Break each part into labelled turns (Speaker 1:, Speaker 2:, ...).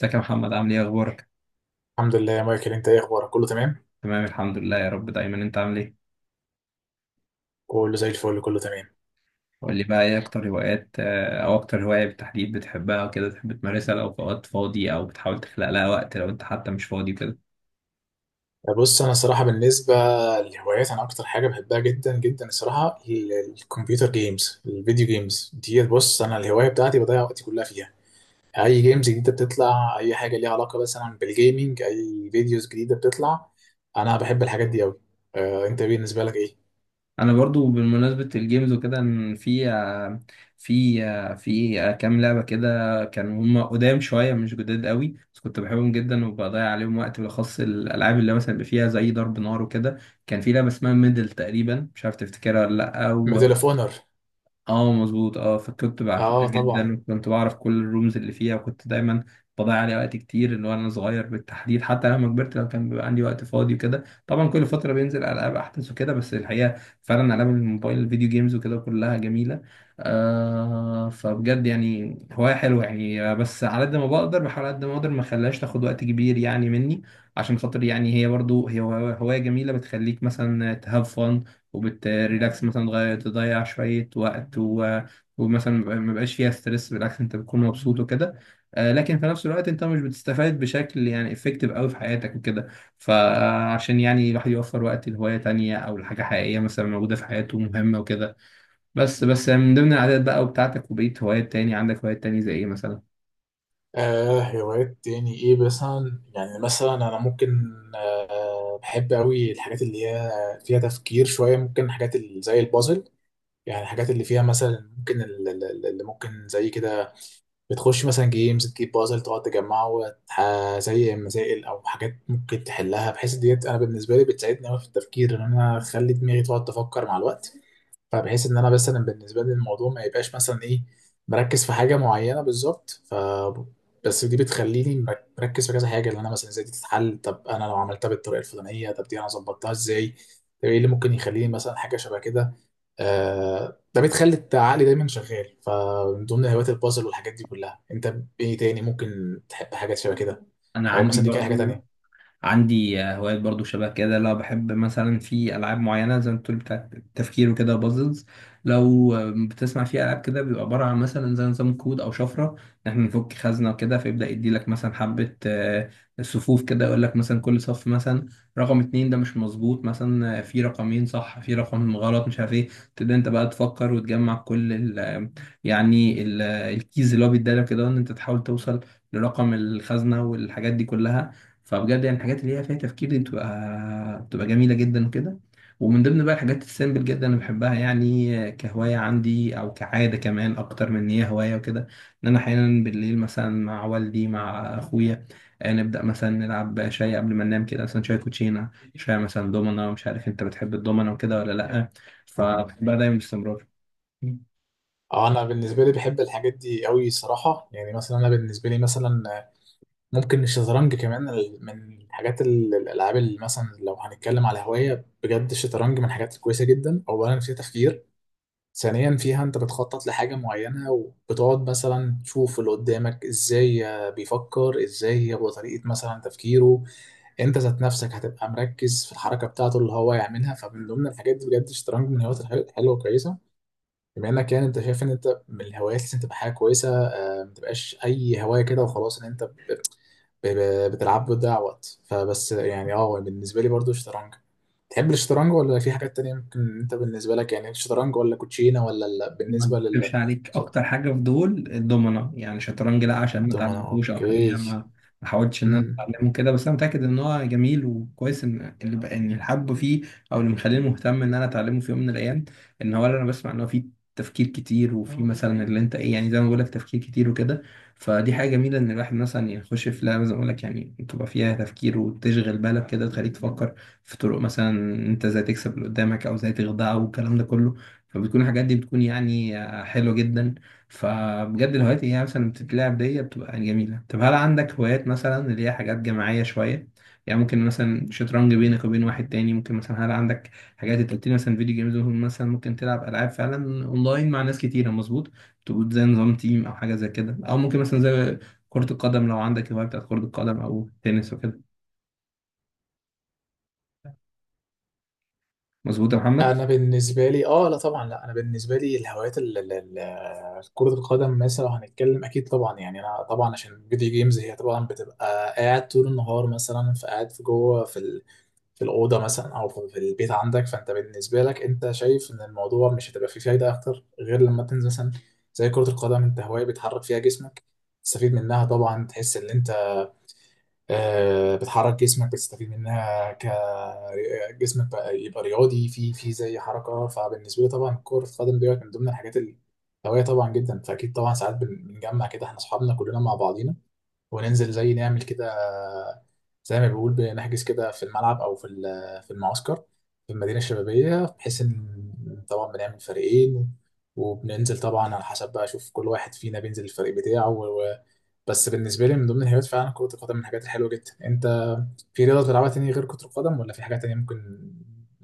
Speaker 1: ازيك يا محمد؟ عامل ايه؟ اخبارك؟
Speaker 2: الحمد لله يا مايكل، انت ايه اخبارك؟ كله تمام.
Speaker 1: تمام الحمد لله يا رب. دايما انت عامل ايه؟
Speaker 2: كله زي الفل، كله تمام.
Speaker 1: قول لي بقى، ايه اكتر هوايات او اكتر هواية بالتحديد بتحبها وكده، تحب تمارسها لو في وقت فاضي او بتحاول تخلق لها وقت لو انت حتى مش فاضي وكده؟
Speaker 2: بص انا الصراحه بالنسبه للهوايات، انا اكتر حاجه بحبها جدا جدا الصراحه الكمبيوتر جيمز، الفيديو جيمز دي. بص انا الهوايه بتاعتي بضيع وقتي كلها فيها. اي جيمز جديده بتطلع، اي حاجه ليها علاقه مثلا بالجيمنج، اي فيديوز جديده بتطلع، انا بحب الحاجات دي قوي. آه، انت بالنسبه لك ايه؟
Speaker 1: انا برضو بالمناسبة الجيمز وكده، ان في كام لعبة كده كانوا هم قدام شوية، مش جداد قوي، بس كنت بحبهم جدا وبضيع عليهم وقت، بالاخص الالعاب اللي مثلا بيبقى فيها زي ضرب نار وكده. كان في لعبة اسمها ميدل تقريبا، مش عارف تفتكرها ولا
Speaker 2: ميدل اوف
Speaker 1: لا.
Speaker 2: اونر.
Speaker 1: اه مظبوط اه، فكنت بعشقها
Speaker 2: اه
Speaker 1: جدا
Speaker 2: طبعا.
Speaker 1: وكنت بعرف كل الرومز اللي فيها، وكنت دايما بضيع عليها وقت كتير، اللي هو انا صغير بالتحديد. حتى لما كبرت لو كان بيبقى عندي وقت فاضي وكده، طبعا كل فتره بينزل العاب احدث وكده، بس الحقيقه فعلا العاب الموبايل الفيديو جيمز وكده كلها جميله. فبجد يعني هوايه حلوه، يعني بس على قد ما بقدر بحاول على قد ما اقدر ما اخليهاش تاخد وقت كبير يعني مني، عشان خاطر يعني هي برضو هي هواية جميله، بتخليك مثلا تهاف فن وبتريلاكس، مثلا تغير تضيع شوية وقت ومثلا ما بقاش فيها ستريس، بالعكس انت بتكون مبسوط وكده. لكن في نفس الوقت انت مش بتستفاد بشكل يعني افكتيف قوي في حياتك وكده، فعشان يعني الواحد يوفر وقت لهواية تانية او لحاجة حقيقية مثلا موجودة في حياته مهمة وكده. بس من ضمن العادات بقى وبتاعتك وبقيت هوايات تاني، عندك هوايات تاني زي ايه مثلا؟
Speaker 2: هوايات يعني ايه مثلا، يعني مثلا انا ممكن بحب قوي الحاجات اللي هي فيها تفكير شويه، ممكن حاجات اللي زي البازل. يعني الحاجات اللي فيها مثلا ممكن، اللي ممكن زي كده، بتخش مثلا جيمز تجيب بازل تقعد تجمعه زي مسائل او حاجات ممكن تحلها، بحيث ديت انا بالنسبه لي بتساعدني قوي في التفكير ان انا اخلي دماغي تقعد تفكر مع الوقت. فبحيث ان انا مثلا بالنسبه لي الموضوع ما يبقاش مثلا ايه، مركز في حاجه معينه بالظبط. بس دي بتخليني مركز في كذا حاجه، اللي انا مثلا ازاي دي تتحل، طب انا لو عملتها بالطريقه الفلانيه، طب دي انا ظبطتها ازاي، طب ايه اللي ممكن يخليني مثلا حاجه شبه كده. ده بتخلي عقلي دايما شغال. فمن ضمن هوايات البازل والحاجات دي كلها، انت ايه تاني ممكن تحب، حاجات شبه كده،
Speaker 1: انا
Speaker 2: او
Speaker 1: عندي
Speaker 2: مثلا ليك اي حاجه
Speaker 1: برضو،
Speaker 2: تانية؟
Speaker 1: عندي هوايات برضو شبه كده، لو بحب مثلا في العاب معينه زي ما بتقول بتاعت التفكير وكده، بازلز. لو بتسمع في العاب كده بيبقى عباره عن مثلا زي نظام كود او شفره، ان احنا نفك خزنه وكده، فيبدا يدي لك مثلا حبه صفوف كده، يقول لك مثلا كل صف مثلا رقم اتنين ده مش مظبوط، مثلا في رقمين صح في رقم غلط مش عارف ايه، تبدا انت بقى تفكر وتجمع كل ال آه، يعني ال- آه، الكيز اللي هو بيديلك كده، ان انت تحاول توصل لرقم الخزنه والحاجات دي كلها. فبجد يعني الحاجات اللي هي فيها تفكير دي بتبقى جميلة جدا وكده. ومن ضمن بقى الحاجات السيمبل جدا انا بحبها، يعني كهواية عندي او كعادة كمان اكتر من ان هي هواية وكده، ان انا احيانا بالليل مثلا مع والدي مع اخويا نبدأ مثلا نلعب شاي قبل ما ننام، كده مثلا شاي كوتشينة، شاي مثلا دومنا. مش عارف انت بتحب الدومنا وكده ولا لأ، فبحبها دايما باستمرار.
Speaker 2: اه، انا بالنسبه لي بحب الحاجات دي قوي صراحه. يعني مثلا انا بالنسبه لي مثلا ممكن الشطرنج كمان، من الحاجات، الالعاب اللي مثلا لو هنتكلم على هوايه بجد، الشطرنج من الحاجات الكويسه جدا، اولا فيها تفكير، ثانيا فيها انت بتخطط لحاجه معينه وبتقعد مثلا تشوف اللي قدامك ازاي بيفكر، ازاي هو طريقه مثلا تفكيره، انت ذات نفسك هتبقى مركز في الحركه بتاعته اللي هو يعملها. فمن ضمن الحاجات دي بجد الشطرنج من الهوايات الحلوه وكويسه. بما انك يعني انت شايف ان انت من الهوايات لازم تبقى حاجه كويسه، ما تبقاش اي هوايه كده وخلاص ان انت بتلعب وتضيع وقت. فبس يعني اه، بالنسبة لي برضو الشطرنج. تحب الشطرنج ولا في حاجات تانية، ممكن انت بالنسبة لك، يعني الشطرنج ولا كوتشينة ولا
Speaker 1: ما
Speaker 2: بالنسبة
Speaker 1: اكتبش عليك، اكتر حاجه في دول الدومنه يعني. شطرنج لا، عشان ما
Speaker 2: الدومنة،
Speaker 1: اتعلمتوش او حاجه،
Speaker 2: اوكي.
Speaker 1: يعني ما حاولتش ان انا
Speaker 2: امم.
Speaker 1: اتعلمه كده، بس انا متاكد ان هو جميل وكويس. ان اللي بقى ان الحب فيه او اللي مخليني مهتم ان انا اتعلمه في يوم من الايام، ان هو انا بسمع ان هو فيه تفكير كتير، وفي مثلا اللي انت ايه يعني زي ما بقول لك تفكير كتير وكده. فدي حاجه جميله، ان الواحد مثلا يخش في لعبه زي ما بقول لك يعني تبقى فيها تفكير وتشغل بالك كده وتخليك تفكر في طرق مثلا انت ازاي تكسب اللي قدامك او ازاي تخدعه والكلام ده كله. فبتكون الحاجات دي بتكون يعني حلوة جدا. فبجد الهوايات اللي هي مثلا بتتلعب دي بتبقى يعني جميلة. طب هل عندك هوايات مثلا اللي هي حاجات جماعية شوية؟ يعني ممكن مثلا شطرنج بينك وبين واحد تاني، ممكن مثلا، هل عندك حاجات، انت قلت لي مثلا فيديو جيمز، ممكن مثلا ممكن تلعب ألعاب فعلا أونلاين مع ناس كتيرة مظبوط، تبقوا زي نظام تيم أو حاجة زي كده، أو ممكن مثلا زي كرة القدم، لو عندك هواية بتاعت كرة القدم أو تنس وكده، مظبوط يا محمد؟
Speaker 2: انا بالنسبة لي اه، لا طبعا لا، انا بالنسبة لي الهوايات، كرة القدم مثلا لو هنتكلم اكيد طبعا. يعني انا طبعا عشان فيديو جيمز هي طبعا بتبقى قاعد طول النهار مثلا، فقاعد في جوه في في الأوضة مثلا، أو في البيت عندك. فأنت بالنسبة لك أنت شايف إن الموضوع مش هتبقى فيه فايدة أكتر غير لما تنزل مثلا زي كرة القدم، أنت هواية بتحرك فيها جسمك، تستفيد منها طبعا، تحس إن أنت بتحرك جسمك، بتستفيد منها جسمك بقى يبقى رياضي، في زي حركة. فبالنسبة لي طبعا كرة القدم ديت من ضمن الحاجات الهواية طبعا جدا. فأكيد طبعا ساعات بنجمع كده إحنا أصحابنا كلنا مع بعضينا وننزل، زي نعمل كده زي ما بيقول، بنحجز كده في الملعب، او في في المعسكر، في المدينه الشبابيه. بحيث ان طبعا بنعمل فريقين، وبننزل طبعا على حسب بقى، اشوف كل واحد فينا بينزل الفريق بتاعه بس بالنسبه لي من ضمن الهوايات فعلا كره القدم من الحاجات الحلوه جدا. انت في رياضه بتلعبها تاني غير كره القدم، ولا في حاجه تانيه ممكن،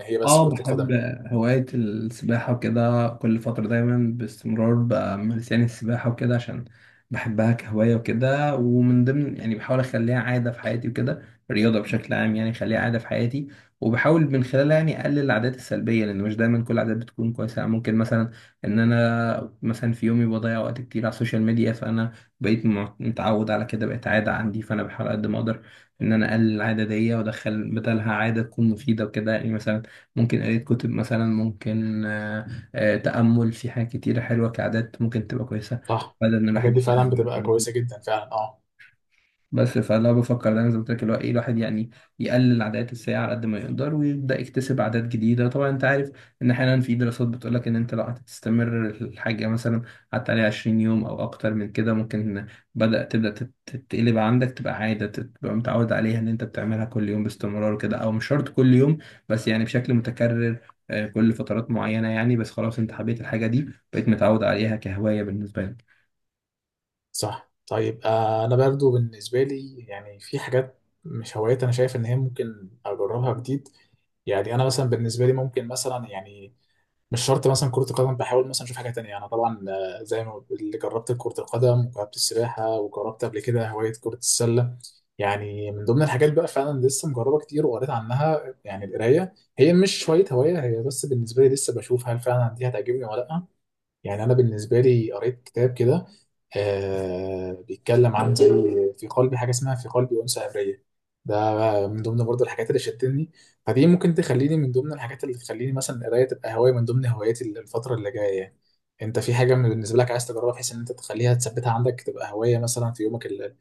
Speaker 2: هي بس
Speaker 1: اه
Speaker 2: كره القدم؟
Speaker 1: بحب هواية السباحة وكده، كل فترة دايما باستمرار بمارس يعني السباحة وكده، عشان بحبها كهواية وكده، ومن ضمن يعني بحاول أخليها عادة في حياتي وكده. الرياضة بشكل عام يعني أخليها عادة في حياتي، وبحاول من خلالها يعني أقلل العادات السلبية، لأن مش دايما كل العادات بتكون كويسة. يعني ممكن مثلا إن أنا مثلا في يومي بضيع وقت كتير على السوشيال ميديا، فأنا بقيت متعود على كده، بقت عادة عندي، فأنا بحاول قد ما أقدر إن أنا أقلل العادة دي وأدخل بدلها عادة تكون مفيدة وكده. يعني مثلا ممكن قراية كتب، مثلا ممكن تأمل، في حاجات كتيرة حلوة كعادات ممكن تبقى كويسة
Speaker 2: صح.
Speaker 1: بدل إن
Speaker 2: الحاجات
Speaker 1: الواحد
Speaker 2: دي
Speaker 1: يضيع
Speaker 2: فعلا بتبقى
Speaker 1: حاجة.
Speaker 2: كويسه جدا فعلا، اه.
Speaker 1: بس فانا بفكر دايما زي ما قلت لك اللي هو ايه، الواحد يعني يقلل العادات السيئه على قد ما يقدر ويبدا يكتسب عادات جديده. طبعا انت عارف ان احيانا في دراسات بتقول لك ان انت لو هتستمر الحاجه مثلا قعدت عليها 20 يوم او اكتر من كده، ممكن تتقلب عندك تبقى عاده، تبقى متعود عليها ان انت بتعملها كل يوم باستمرار كده، او مش شرط كل يوم بس يعني بشكل متكرر كل فترات معينه يعني، بس خلاص انت حبيت الحاجه دي بقيت متعود عليها كهوايه بالنسبه لك.
Speaker 2: صح. طيب، انا برضو بالنسبه لي يعني في حاجات، مش هوايات، انا شايف ان هي ممكن اجربها جديد. يعني انا مثلا بالنسبه لي ممكن مثلا يعني مش شرط مثلا كره القدم، بحاول مثلا اشوف حاجه تانية. انا طبعا زي ما اللي جربت كره القدم، وجربت السباحه، وجربت قبل كده هوايه كره السله. يعني من ضمن الحاجات بقى فعلا لسه مجربه كتير، وقريت عنها يعني، القرايه هي مش شويه هوايه، هي بس بالنسبه لي لسه بشوف هل فعلا دي هتعجبني ولا لا. يعني انا بالنسبه لي قريت كتاب كده بيتكلم عن زي في قلبي حاجه، اسمها في قلبي انثى عبريه. ده من ضمن برضه الحاجات اللي شدتني. فدي ممكن تخليني من ضمن الحاجات اللي تخليني مثلا القرايه تبقى هوايه من ضمن هواياتي الفتره اللي جايه، يعني. انت في حاجه، بالنسبه لك عايز تجربها بحيث ان انت تخليها تثبتها عندك تبقى هوايه مثلا في يومك ال-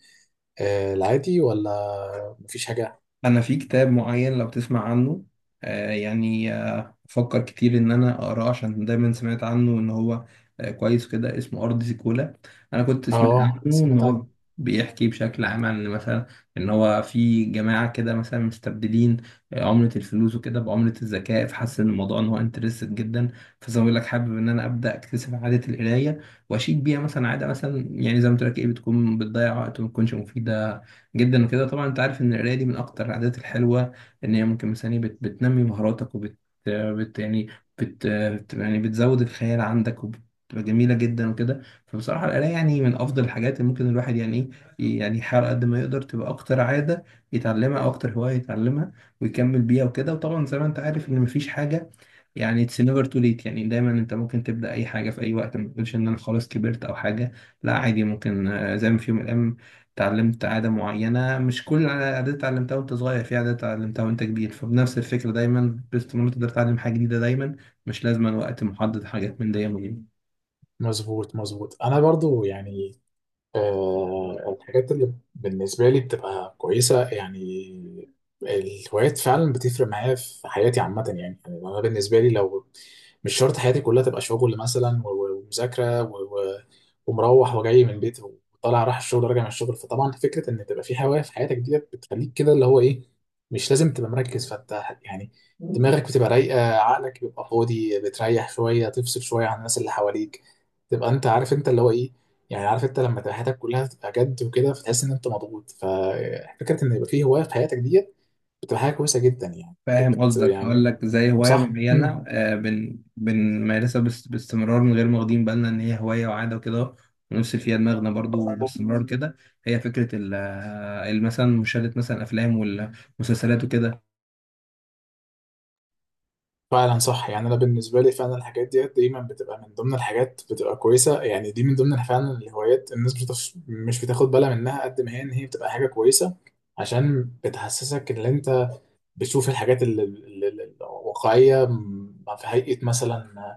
Speaker 2: آه، العادي، ولا مفيش حاجه؟
Speaker 1: انا في كتاب معين لو تسمع عنه يعني بفكر كتير ان انا اقراه، عشان دايما سمعت عنه ان هو كويس كده، اسمه ارض زيكولا. انا كنت سمعت
Speaker 2: اه
Speaker 1: عنه ان هو
Speaker 2: سمعت.
Speaker 1: بيحكي بشكل عام عن مثلا ان هو في جماعه كده مثلا مستبدلين عمله الفلوس وكده بعمله الذكاء، فحس ان الموضوع ان هو انترستد جدا. فزي ما بقول لك حابب ان انا ابدا اكتسب عاده القرايه واشيك بيها مثلا، عاده مثلا يعني زي ما قلت لك ايه بتكون بتضيع وقت وما تكونش مفيده جدا وكده. طبعا انت عارف ان القرايه دي من اكتر العادات الحلوه، ان هي ممكن مثلا إيه، بت بتنمي مهاراتك وبت بت يعني بت بت- يعني بتزود الخيال عندك وبتبقى جميله جدا وكده. فبصراحه القرايه يعني من افضل الحاجات اللي ممكن الواحد يعني ايه يعني يحاول قد ما يقدر تبقى اكتر عاده يتعلمها او اكتر هوايه يتعلمها ويكمل بيها وكده. وطبعا زي ما انت عارف ان مفيش حاجه، يعني اتس نيفر تو ليت، يعني دايما انت ممكن تبدا اي حاجه في اي وقت، ما تقولش ان انا خلاص كبرت او حاجه، لا عادي ممكن. زي ما في يوم من الايام اتعلمت عاده معينه، مش كل العادات اتعلمتها وانت صغير، في عادات اتعلمتها وانت كبير. فبنفس الفكره دايما باستمرار تقدر تتعلم حاجه جديده، دايما مش لازما وقت محدد، حاجات من دايما.
Speaker 2: مظبوط، مظبوط. انا برضو يعني الحاجات اللي بالنسبة لي بتبقى كويسة، يعني الهوايات فعلا بتفرق معايا في حياتي عامة. يعني أنا بالنسبة لي لو، مش شرط حياتي كلها تبقى شغل مثلا ومذاكرة ومروح وجاي من البيت، وطالع راح الشغل وراجع من الشغل. فطبعا فكرة إن تبقى في هواية في حياتك ديت بتخليك كده، اللي هو إيه، مش لازم تبقى مركز، فأنت يعني دماغك بتبقى رايقة، عقلك بيبقى فاضي، بتريح شوية، تفصل شوية عن الناس اللي حواليك، تبقى أنت عارف أنت اللي هو إيه، يعني عارف انت لما تبقى حياتك كلها تبقى جد وكده فتحس ان انت مضغوط. ففكره ان يبقى فيه هوايه في حياتك ديت بتبقى حاجه كويسه جدا، يعني بت
Speaker 1: فاهم قصدك، هقول
Speaker 2: يعني
Speaker 1: لك زي هواية
Speaker 2: صح.
Speaker 1: معينة
Speaker 2: امم.
Speaker 1: آه، بن بنمارسها بس باستمرار من غير ما واخدين بالنا إن هي هواية وعادة وكده، ونفس فيها دماغنا برضو باستمرار كده. هي فكرة مثلا مشاهدة مثلا أفلام والمسلسلات وكده.
Speaker 2: فعلا صح. يعني انا بالنسبه لي فعلا الحاجات ديت دايما بتبقى من ضمن الحاجات بتبقى كويسه. يعني دي من ضمن فعلا الهوايات، الناس مش بتاخد بالها منها قد ما هي، ان هي بتبقى حاجه كويسه عشان بتحسسك ان انت بتشوف الحاجات الواقعيه في هيئه مثلا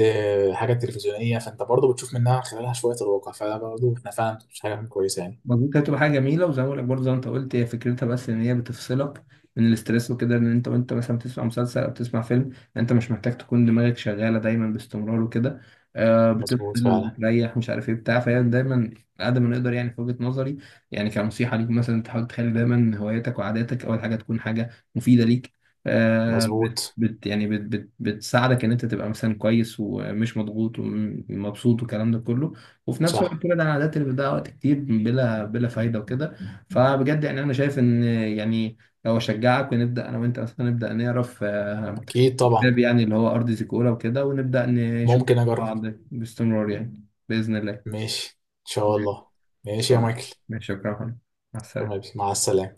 Speaker 2: حاجة تلفزيونية. فأنت برضه بتشوف منها، من خلالها، شوية الواقع. فده برضه إحنا فعلا مش حاجة كويسة يعني.
Speaker 1: مظبوط، هي هتبقى حاجه جميله، وزي ما بقولك برضه زي ما انت قلت هي فكرتها بس ان هي بتفصلك من الاسترس وكده، ان انت وانت مثلا بتسمع مسلسل او بتسمع فيلم انت مش محتاج تكون دماغك شغاله دايما باستمرار وكده.
Speaker 2: مظبوط
Speaker 1: بتفصل،
Speaker 2: فعلا.
Speaker 1: بتريح، مش عارف ايه بتاع، فهي دايما قد ما نقدر يعني في وجهه نظري، يعني كنصيحه ليك مثلا تحاول تخلي دايما هواياتك وعاداتك اول حاجه تكون حاجه مفيده ليك. آه بت
Speaker 2: مظبوط.
Speaker 1: بت- يعني بت بت بتساعدك ان انت تبقى مثلا كويس ومش مضغوط ومبسوط والكلام ده كله، وفي نفس الوقت
Speaker 2: صح.
Speaker 1: كل ده انا عادات اللي بتضيع وقت كتير بلا بلا فايده وكده. فبجد يعني انا شايف ان يعني لو اشجعك، ونبدا انا وانت اصلا نبدا نقرا في
Speaker 2: أكيد طبعا.
Speaker 1: كتاب يعني اللي هو ارض زيكولا وكده، ونبدا نشوف
Speaker 2: ممكن أجرب.
Speaker 1: بعض باستمرار يعني باذن الله إن
Speaker 2: ماشي. إن شاء الله. ماشي
Speaker 1: شاء
Speaker 2: يا
Speaker 1: الله.
Speaker 2: مايكل.
Speaker 1: ماشي، شكرا يا محمد. مع
Speaker 2: تمام،
Speaker 1: السلامه
Speaker 2: مع السلامة.